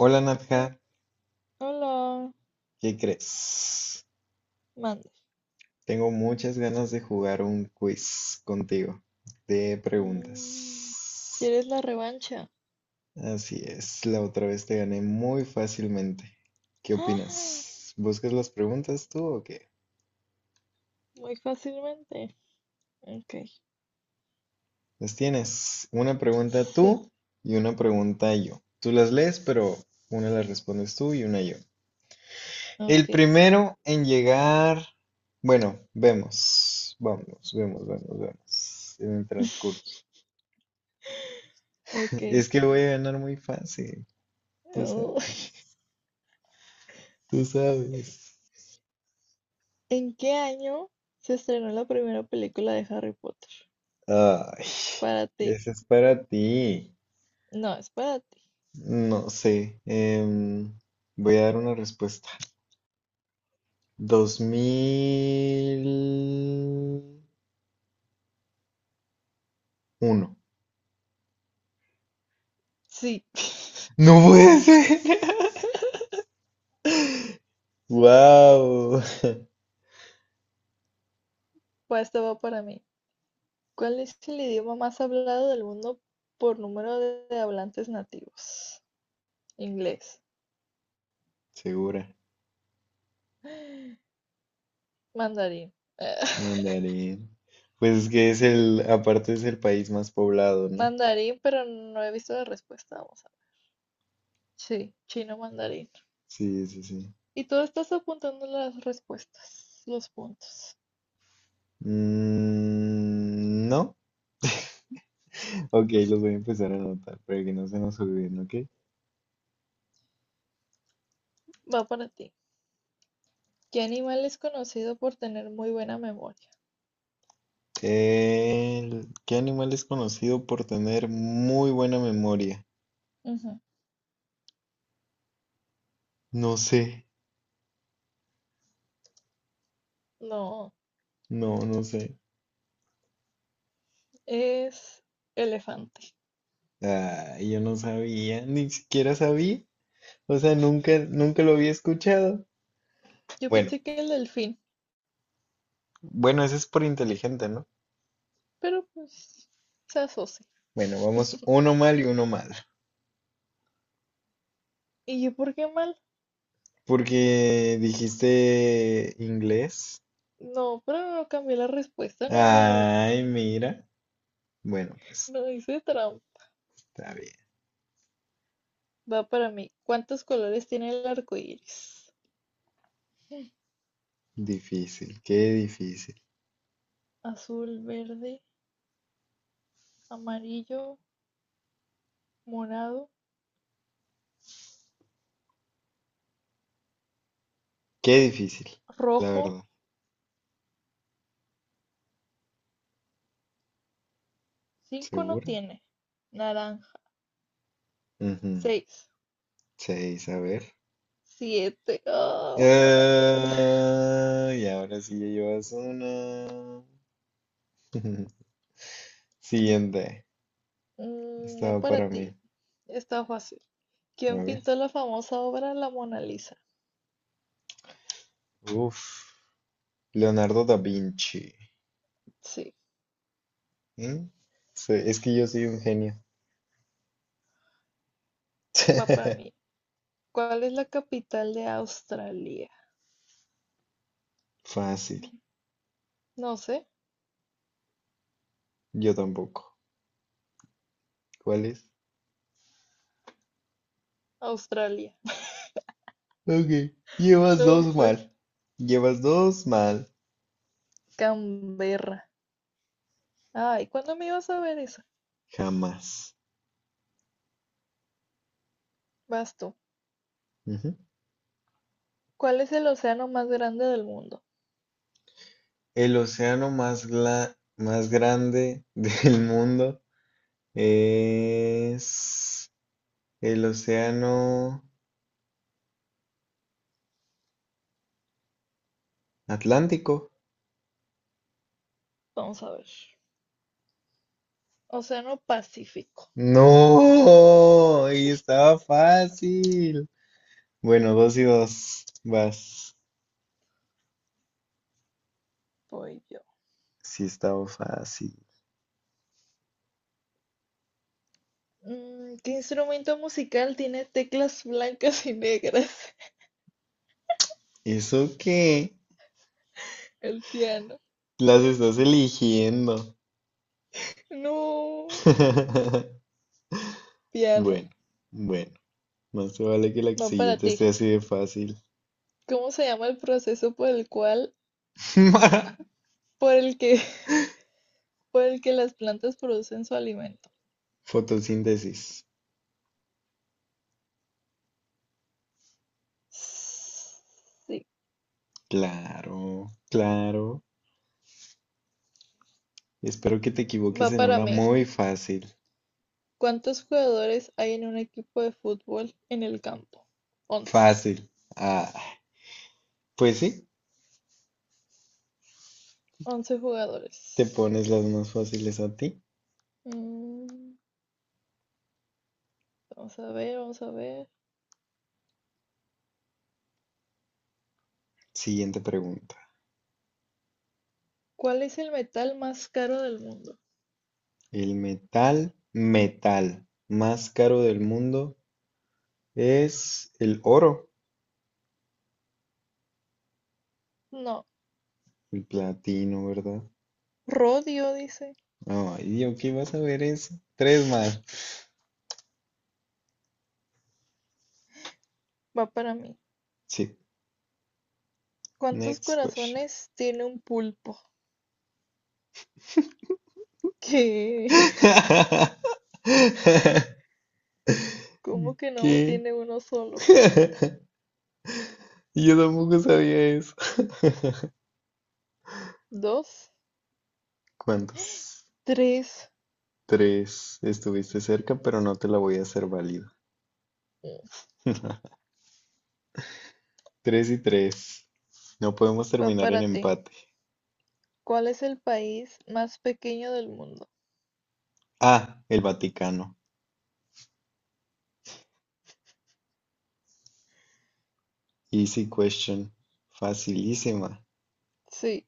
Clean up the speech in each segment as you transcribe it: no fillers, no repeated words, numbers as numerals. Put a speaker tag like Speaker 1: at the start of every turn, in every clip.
Speaker 1: Hola
Speaker 2: Hola,
Speaker 1: Nadja,
Speaker 2: hola,
Speaker 1: ¿qué crees?
Speaker 2: mande.
Speaker 1: Tengo muchas ganas de jugar un quiz contigo de
Speaker 2: Mm,
Speaker 1: preguntas.
Speaker 2: ¿Quieres la revancha?
Speaker 1: Así es, la otra vez te gané muy fácilmente. ¿Qué
Speaker 2: ¡Ah!
Speaker 1: opinas? ¿Buscas las preguntas tú o qué?
Speaker 2: Muy fácilmente. Ok.
Speaker 1: Las tienes. Una pregunta
Speaker 2: Sí,
Speaker 1: tú y una pregunta yo. Tú las lees, pero una la respondes tú y una yo. El
Speaker 2: ok.
Speaker 1: primero en llegar... Bueno, vemos. Vamos, vemos, vemos, vemos. En el transcurso.
Speaker 2: Ok.
Speaker 1: Es que voy a ganar muy fácil, tú sabes,
Speaker 2: Oh,
Speaker 1: tú sabes.
Speaker 2: ¿En qué año se estrenó la primera película de Harry Potter?
Speaker 1: Ay,
Speaker 2: Para ti.
Speaker 1: ese es para ti.
Speaker 2: No, es para ti.
Speaker 1: No sé, voy a dar una respuesta. 2001.
Speaker 2: Sí.
Speaker 1: No puede ser. Wow.
Speaker 2: Pues esto va para mí. ¿Cuál es el idioma más hablado del mundo por número de hablantes nativos? Inglés.
Speaker 1: Segura.
Speaker 2: Mandarín.
Speaker 1: Mandarín. Pues es que es el, aparte es el país más poblado, ¿no?
Speaker 2: Mandarín, pero no he visto la respuesta. Vamos a ver. Sí, chino mandarín.
Speaker 1: Sí, sí, sí.
Speaker 2: Y tú estás apuntando las respuestas, los puntos.
Speaker 1: Mm, no. Ok, los voy a empezar a anotar para que no se nos olviden, ¿ok?
Speaker 2: Va para ti. ¿Qué animal es conocido por tener muy buena memoria?
Speaker 1: ¿Qué animal es conocido por tener muy buena memoria?
Speaker 2: Ujú.
Speaker 1: No sé,
Speaker 2: No,
Speaker 1: no, no sé.
Speaker 2: es elefante.
Speaker 1: Ah, yo no sabía, ni siquiera sabía. O sea, nunca, nunca lo había escuchado.
Speaker 2: Yo
Speaker 1: Bueno,
Speaker 2: pensé que el delfín,
Speaker 1: bueno, ese es por inteligente, ¿no?
Speaker 2: pero pues se asocia.
Speaker 1: Bueno, vamos uno mal y uno mal.
Speaker 2: ¿Y yo por qué mal?
Speaker 1: Porque dijiste inglés.
Speaker 2: No, pero no cambié la respuesta, no había visto.
Speaker 1: Ay, mira. Bueno, pues
Speaker 2: No hice trampa.
Speaker 1: está bien.
Speaker 2: Va para mí. ¿Cuántos colores tiene el arco iris?
Speaker 1: Difícil, qué difícil.
Speaker 2: Azul, verde, amarillo, morado,
Speaker 1: Qué difícil, la
Speaker 2: rojo.
Speaker 1: verdad.
Speaker 2: Cinco no
Speaker 1: ¿Segura?
Speaker 2: tiene. Naranja.
Speaker 1: Ujú.
Speaker 2: Seis.
Speaker 1: Seis, a ver.
Speaker 2: Siete. Oh, fuck.
Speaker 1: Ah, y ahora sí ya llevas una. Siguiente.
Speaker 2: No
Speaker 1: Estaba
Speaker 2: para
Speaker 1: para
Speaker 2: ti.
Speaker 1: mí.
Speaker 2: Está fácil.
Speaker 1: A
Speaker 2: ¿Quién
Speaker 1: ver.
Speaker 2: pintó la famosa obra La Mona Lisa?
Speaker 1: Uf. Leonardo da Vinci.
Speaker 2: Sí,
Speaker 1: ¿Mm? Sí, es que yo soy un genio.
Speaker 2: va para mí. ¿Cuál es la capital de Australia?
Speaker 1: Fácil.
Speaker 2: No sé.
Speaker 1: Yo tampoco. ¿Cuál es?
Speaker 2: Australia.
Speaker 1: Ok. Llevas
Speaker 2: No
Speaker 1: dos
Speaker 2: sé.
Speaker 1: mal. Llevas dos mal.
Speaker 2: Canberra. Ay, ¿cuándo me ibas a ver esa?
Speaker 1: Jamás.
Speaker 2: Vas tú. ¿Cuál es el océano más grande del mundo?
Speaker 1: El océano más, más grande del mundo es el océano Atlántico.
Speaker 2: Vamos a ver. Océano Pacífico.
Speaker 1: No, y estaba fácil. Bueno, dos y dos. Vas.
Speaker 2: Voy yo.
Speaker 1: Sí, estaba fácil.
Speaker 2: ¿Qué instrumento musical tiene teclas blancas y negras?
Speaker 1: ¿Eso qué?
Speaker 2: El piano.
Speaker 1: Las estás eligiendo.
Speaker 2: No, piano.
Speaker 1: Bueno, bueno. Más te vale que la
Speaker 2: Va para
Speaker 1: siguiente
Speaker 2: ti.
Speaker 1: esté así de fácil.
Speaker 2: ¿Cómo se llama el proceso por el cual, por el que, por el que las plantas producen su alimento?
Speaker 1: Fotosíntesis.
Speaker 2: Sí,
Speaker 1: Claro, claro. Espero que te equivoques
Speaker 2: va
Speaker 1: en
Speaker 2: para
Speaker 1: una
Speaker 2: mí.
Speaker 1: muy fácil.
Speaker 2: ¿Cuántos jugadores hay en un equipo de fútbol en el campo? 11.
Speaker 1: Fácil. Ah, pues sí,
Speaker 2: 11
Speaker 1: te
Speaker 2: jugadores.
Speaker 1: pones las más fáciles a ti.
Speaker 2: Mm, vamos a ver, vamos a ver.
Speaker 1: Siguiente pregunta.
Speaker 2: ¿Cuál es el metal más caro del mundo?
Speaker 1: El metal más caro del mundo es el oro,
Speaker 2: No,
Speaker 1: el platino, ¿verdad?
Speaker 2: rodio, dice.
Speaker 1: Ay, yo qué vas a ver eso. Tres más.
Speaker 2: Va para mí.
Speaker 1: Sí,
Speaker 2: ¿Cuántos
Speaker 1: next question.
Speaker 2: corazones tiene un pulpo? ¿Qué? ¿Cómo que no
Speaker 1: ¿Qué?
Speaker 2: tiene uno solo?
Speaker 1: Yo tampoco sabía eso.
Speaker 2: ¿Dos?
Speaker 1: ¿Cuántos?
Speaker 2: ¿Tres?
Speaker 1: Tres. Estuviste cerca, pero no te la voy a hacer válida.
Speaker 2: Mm.
Speaker 1: Tres y tres. No podemos
Speaker 2: Va
Speaker 1: terminar en
Speaker 2: para ti.
Speaker 1: empate.
Speaker 2: ¿Cuál es el país más pequeño del mundo?
Speaker 1: Ah, el Vaticano. Easy question. Facilísima.
Speaker 2: Sí.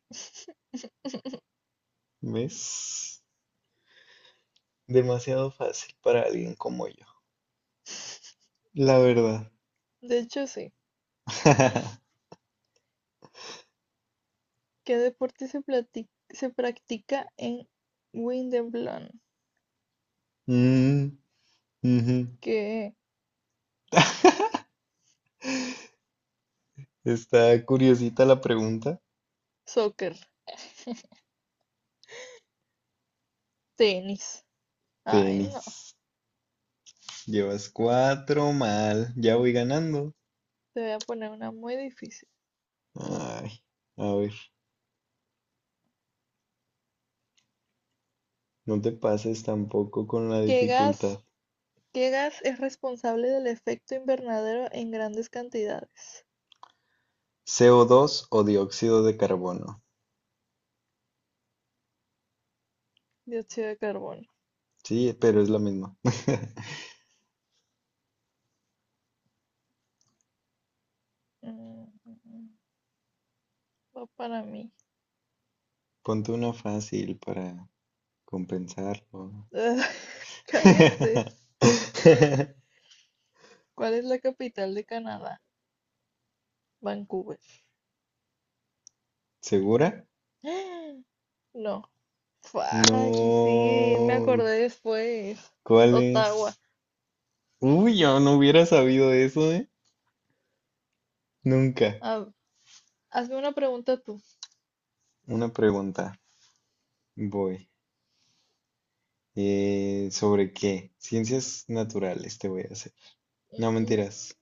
Speaker 1: ¿Ves? Demasiado fácil para alguien como yo. La verdad.
Speaker 2: De hecho, sí. ¿Qué deporte se, plati- ¿Se practica en Wimbledon?
Speaker 1: Mm, ujú.
Speaker 2: ¿Qué?
Speaker 1: Está curiosita la pregunta.
Speaker 2: Soccer. Tenis. Ay,
Speaker 1: Tenis.
Speaker 2: no.
Speaker 1: Llevas cuatro mal. Ya voy ganando.
Speaker 2: Te voy a poner una muy difícil.
Speaker 1: Ay, a ver. No te pases tampoco con la
Speaker 2: ¿Qué gas,
Speaker 1: dificultad.
Speaker 2: qué gas es responsable del efecto invernadero en grandes cantidades?
Speaker 1: CO2 o dos o dióxido de carbono.
Speaker 2: Dióxido de carbono.
Speaker 1: Sí, pero es la misma.
Speaker 2: Mm, mm, mm, Va para mí.
Speaker 1: Ponte una fácil para compensarlo.
Speaker 2: Cállate. ¿Cuál es la capital de Canadá? Vancouver.
Speaker 1: ¿Segura?
Speaker 2: No. Fuck, y sí, me
Speaker 1: No.
Speaker 2: acordé después.
Speaker 1: ¿Cuál
Speaker 2: Ottawa.
Speaker 1: es? Uy, yo no hubiera sabido eso, ¿eh? Nunca.
Speaker 2: Ah, hazme una pregunta tú.
Speaker 1: Una pregunta. Voy. ¿Sobre qué? Ciencias naturales te voy a hacer. No,
Speaker 2: Mm,
Speaker 1: mentiras.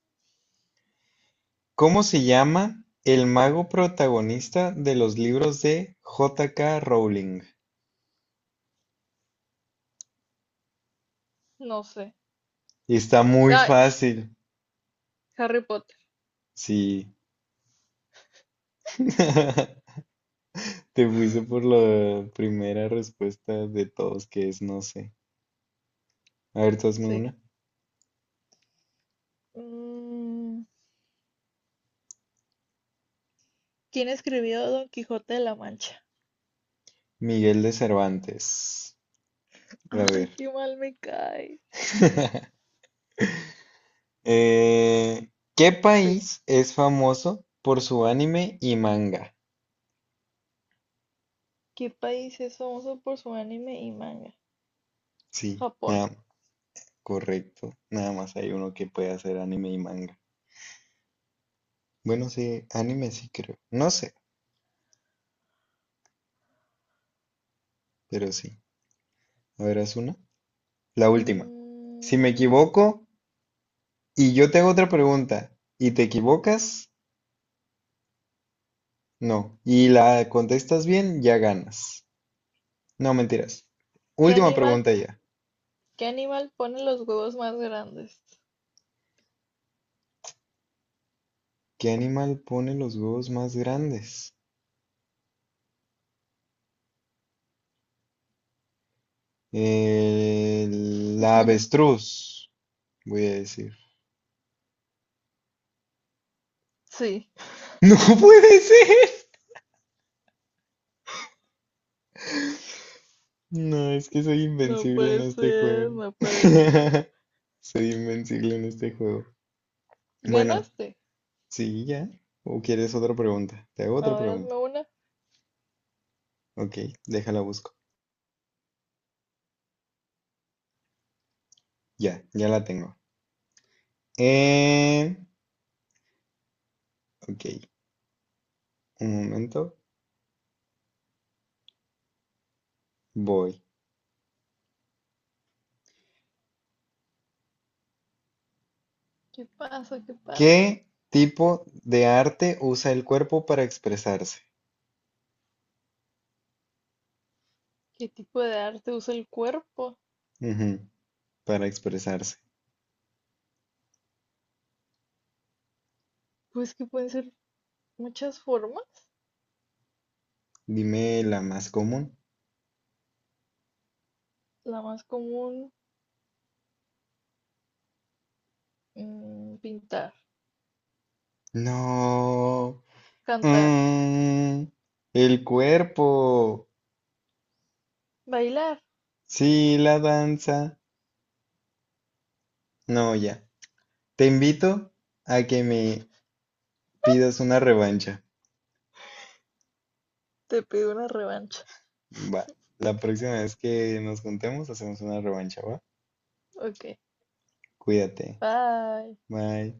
Speaker 1: ¿Cómo se llama el mago protagonista de los libros de J. K. Rowling?
Speaker 2: no sé.
Speaker 1: Y está muy
Speaker 2: Ay,
Speaker 1: fácil.
Speaker 2: Harry Potter.
Speaker 1: Sí. Te fuiste por la primera respuesta de todos, que es no sé. A ver, tú hazme
Speaker 2: Sí.
Speaker 1: una.
Speaker 2: Mm, ¿Quién escribió Don Quijote de la Mancha?
Speaker 1: Miguel de Cervantes. A ver.
Speaker 2: Ay, qué mal me cae.
Speaker 1: Eh, ¿qué
Speaker 2: Sí.
Speaker 1: país es famoso por su anime y manga?
Speaker 2: ¿Qué país es famoso por su anime y manga?
Speaker 1: Sí,
Speaker 2: Japón.
Speaker 1: nada, correcto. Nada más hay uno que puede hacer anime y manga. Bueno, sí, anime sí creo. No sé, pero sí. A ver, haz una. La última. Si me
Speaker 2: Mm,
Speaker 1: equivoco y yo te hago otra pregunta y te equivocas, no. Y la contestas bien, ya ganas. No, mentiras.
Speaker 2: ¿qué
Speaker 1: Última
Speaker 2: animal,
Speaker 1: pregunta ya.
Speaker 2: ¿Qué animal pone los huevos más grandes?
Speaker 1: ¿Qué animal pone los huevos más grandes? La avestruz, voy a decir.
Speaker 2: Sí.
Speaker 1: ¡No puede ser! No, es que soy
Speaker 2: No
Speaker 1: invencible en
Speaker 2: puede
Speaker 1: este
Speaker 2: ser,
Speaker 1: juego.
Speaker 2: no puede ser.
Speaker 1: Soy invencible en este juego. Bueno,
Speaker 2: ¿Ganaste?
Speaker 1: sí, ya. ¿O quieres otra pregunta? Te hago
Speaker 2: A
Speaker 1: otra
Speaker 2: ver,
Speaker 1: pregunta.
Speaker 2: hazme una.
Speaker 1: Ok, déjala busco. Ya, ya la tengo. Eh, ok, un momento. Voy.
Speaker 2: ¿Qué pasa? ¿Qué pasa?
Speaker 1: ¿Qué tipo de arte usa el cuerpo para expresarse?
Speaker 2: ¿Qué tipo de arte usa el cuerpo?
Speaker 1: Ujú, para expresarse.
Speaker 2: Pues que pueden ser muchas formas.
Speaker 1: Dime la más común.
Speaker 2: La más común, pintar,
Speaker 1: No.
Speaker 2: cantar,
Speaker 1: Mm, el cuerpo.
Speaker 2: bailar.
Speaker 1: Sí, la danza. No, ya. Te invito a que me pidas una revancha.
Speaker 2: Te pido una revancha.
Speaker 1: Va. La próxima vez que nos juntemos hacemos una revancha, ¿va?
Speaker 2: Ok.
Speaker 1: Cuídate.
Speaker 2: Bye.
Speaker 1: Bye.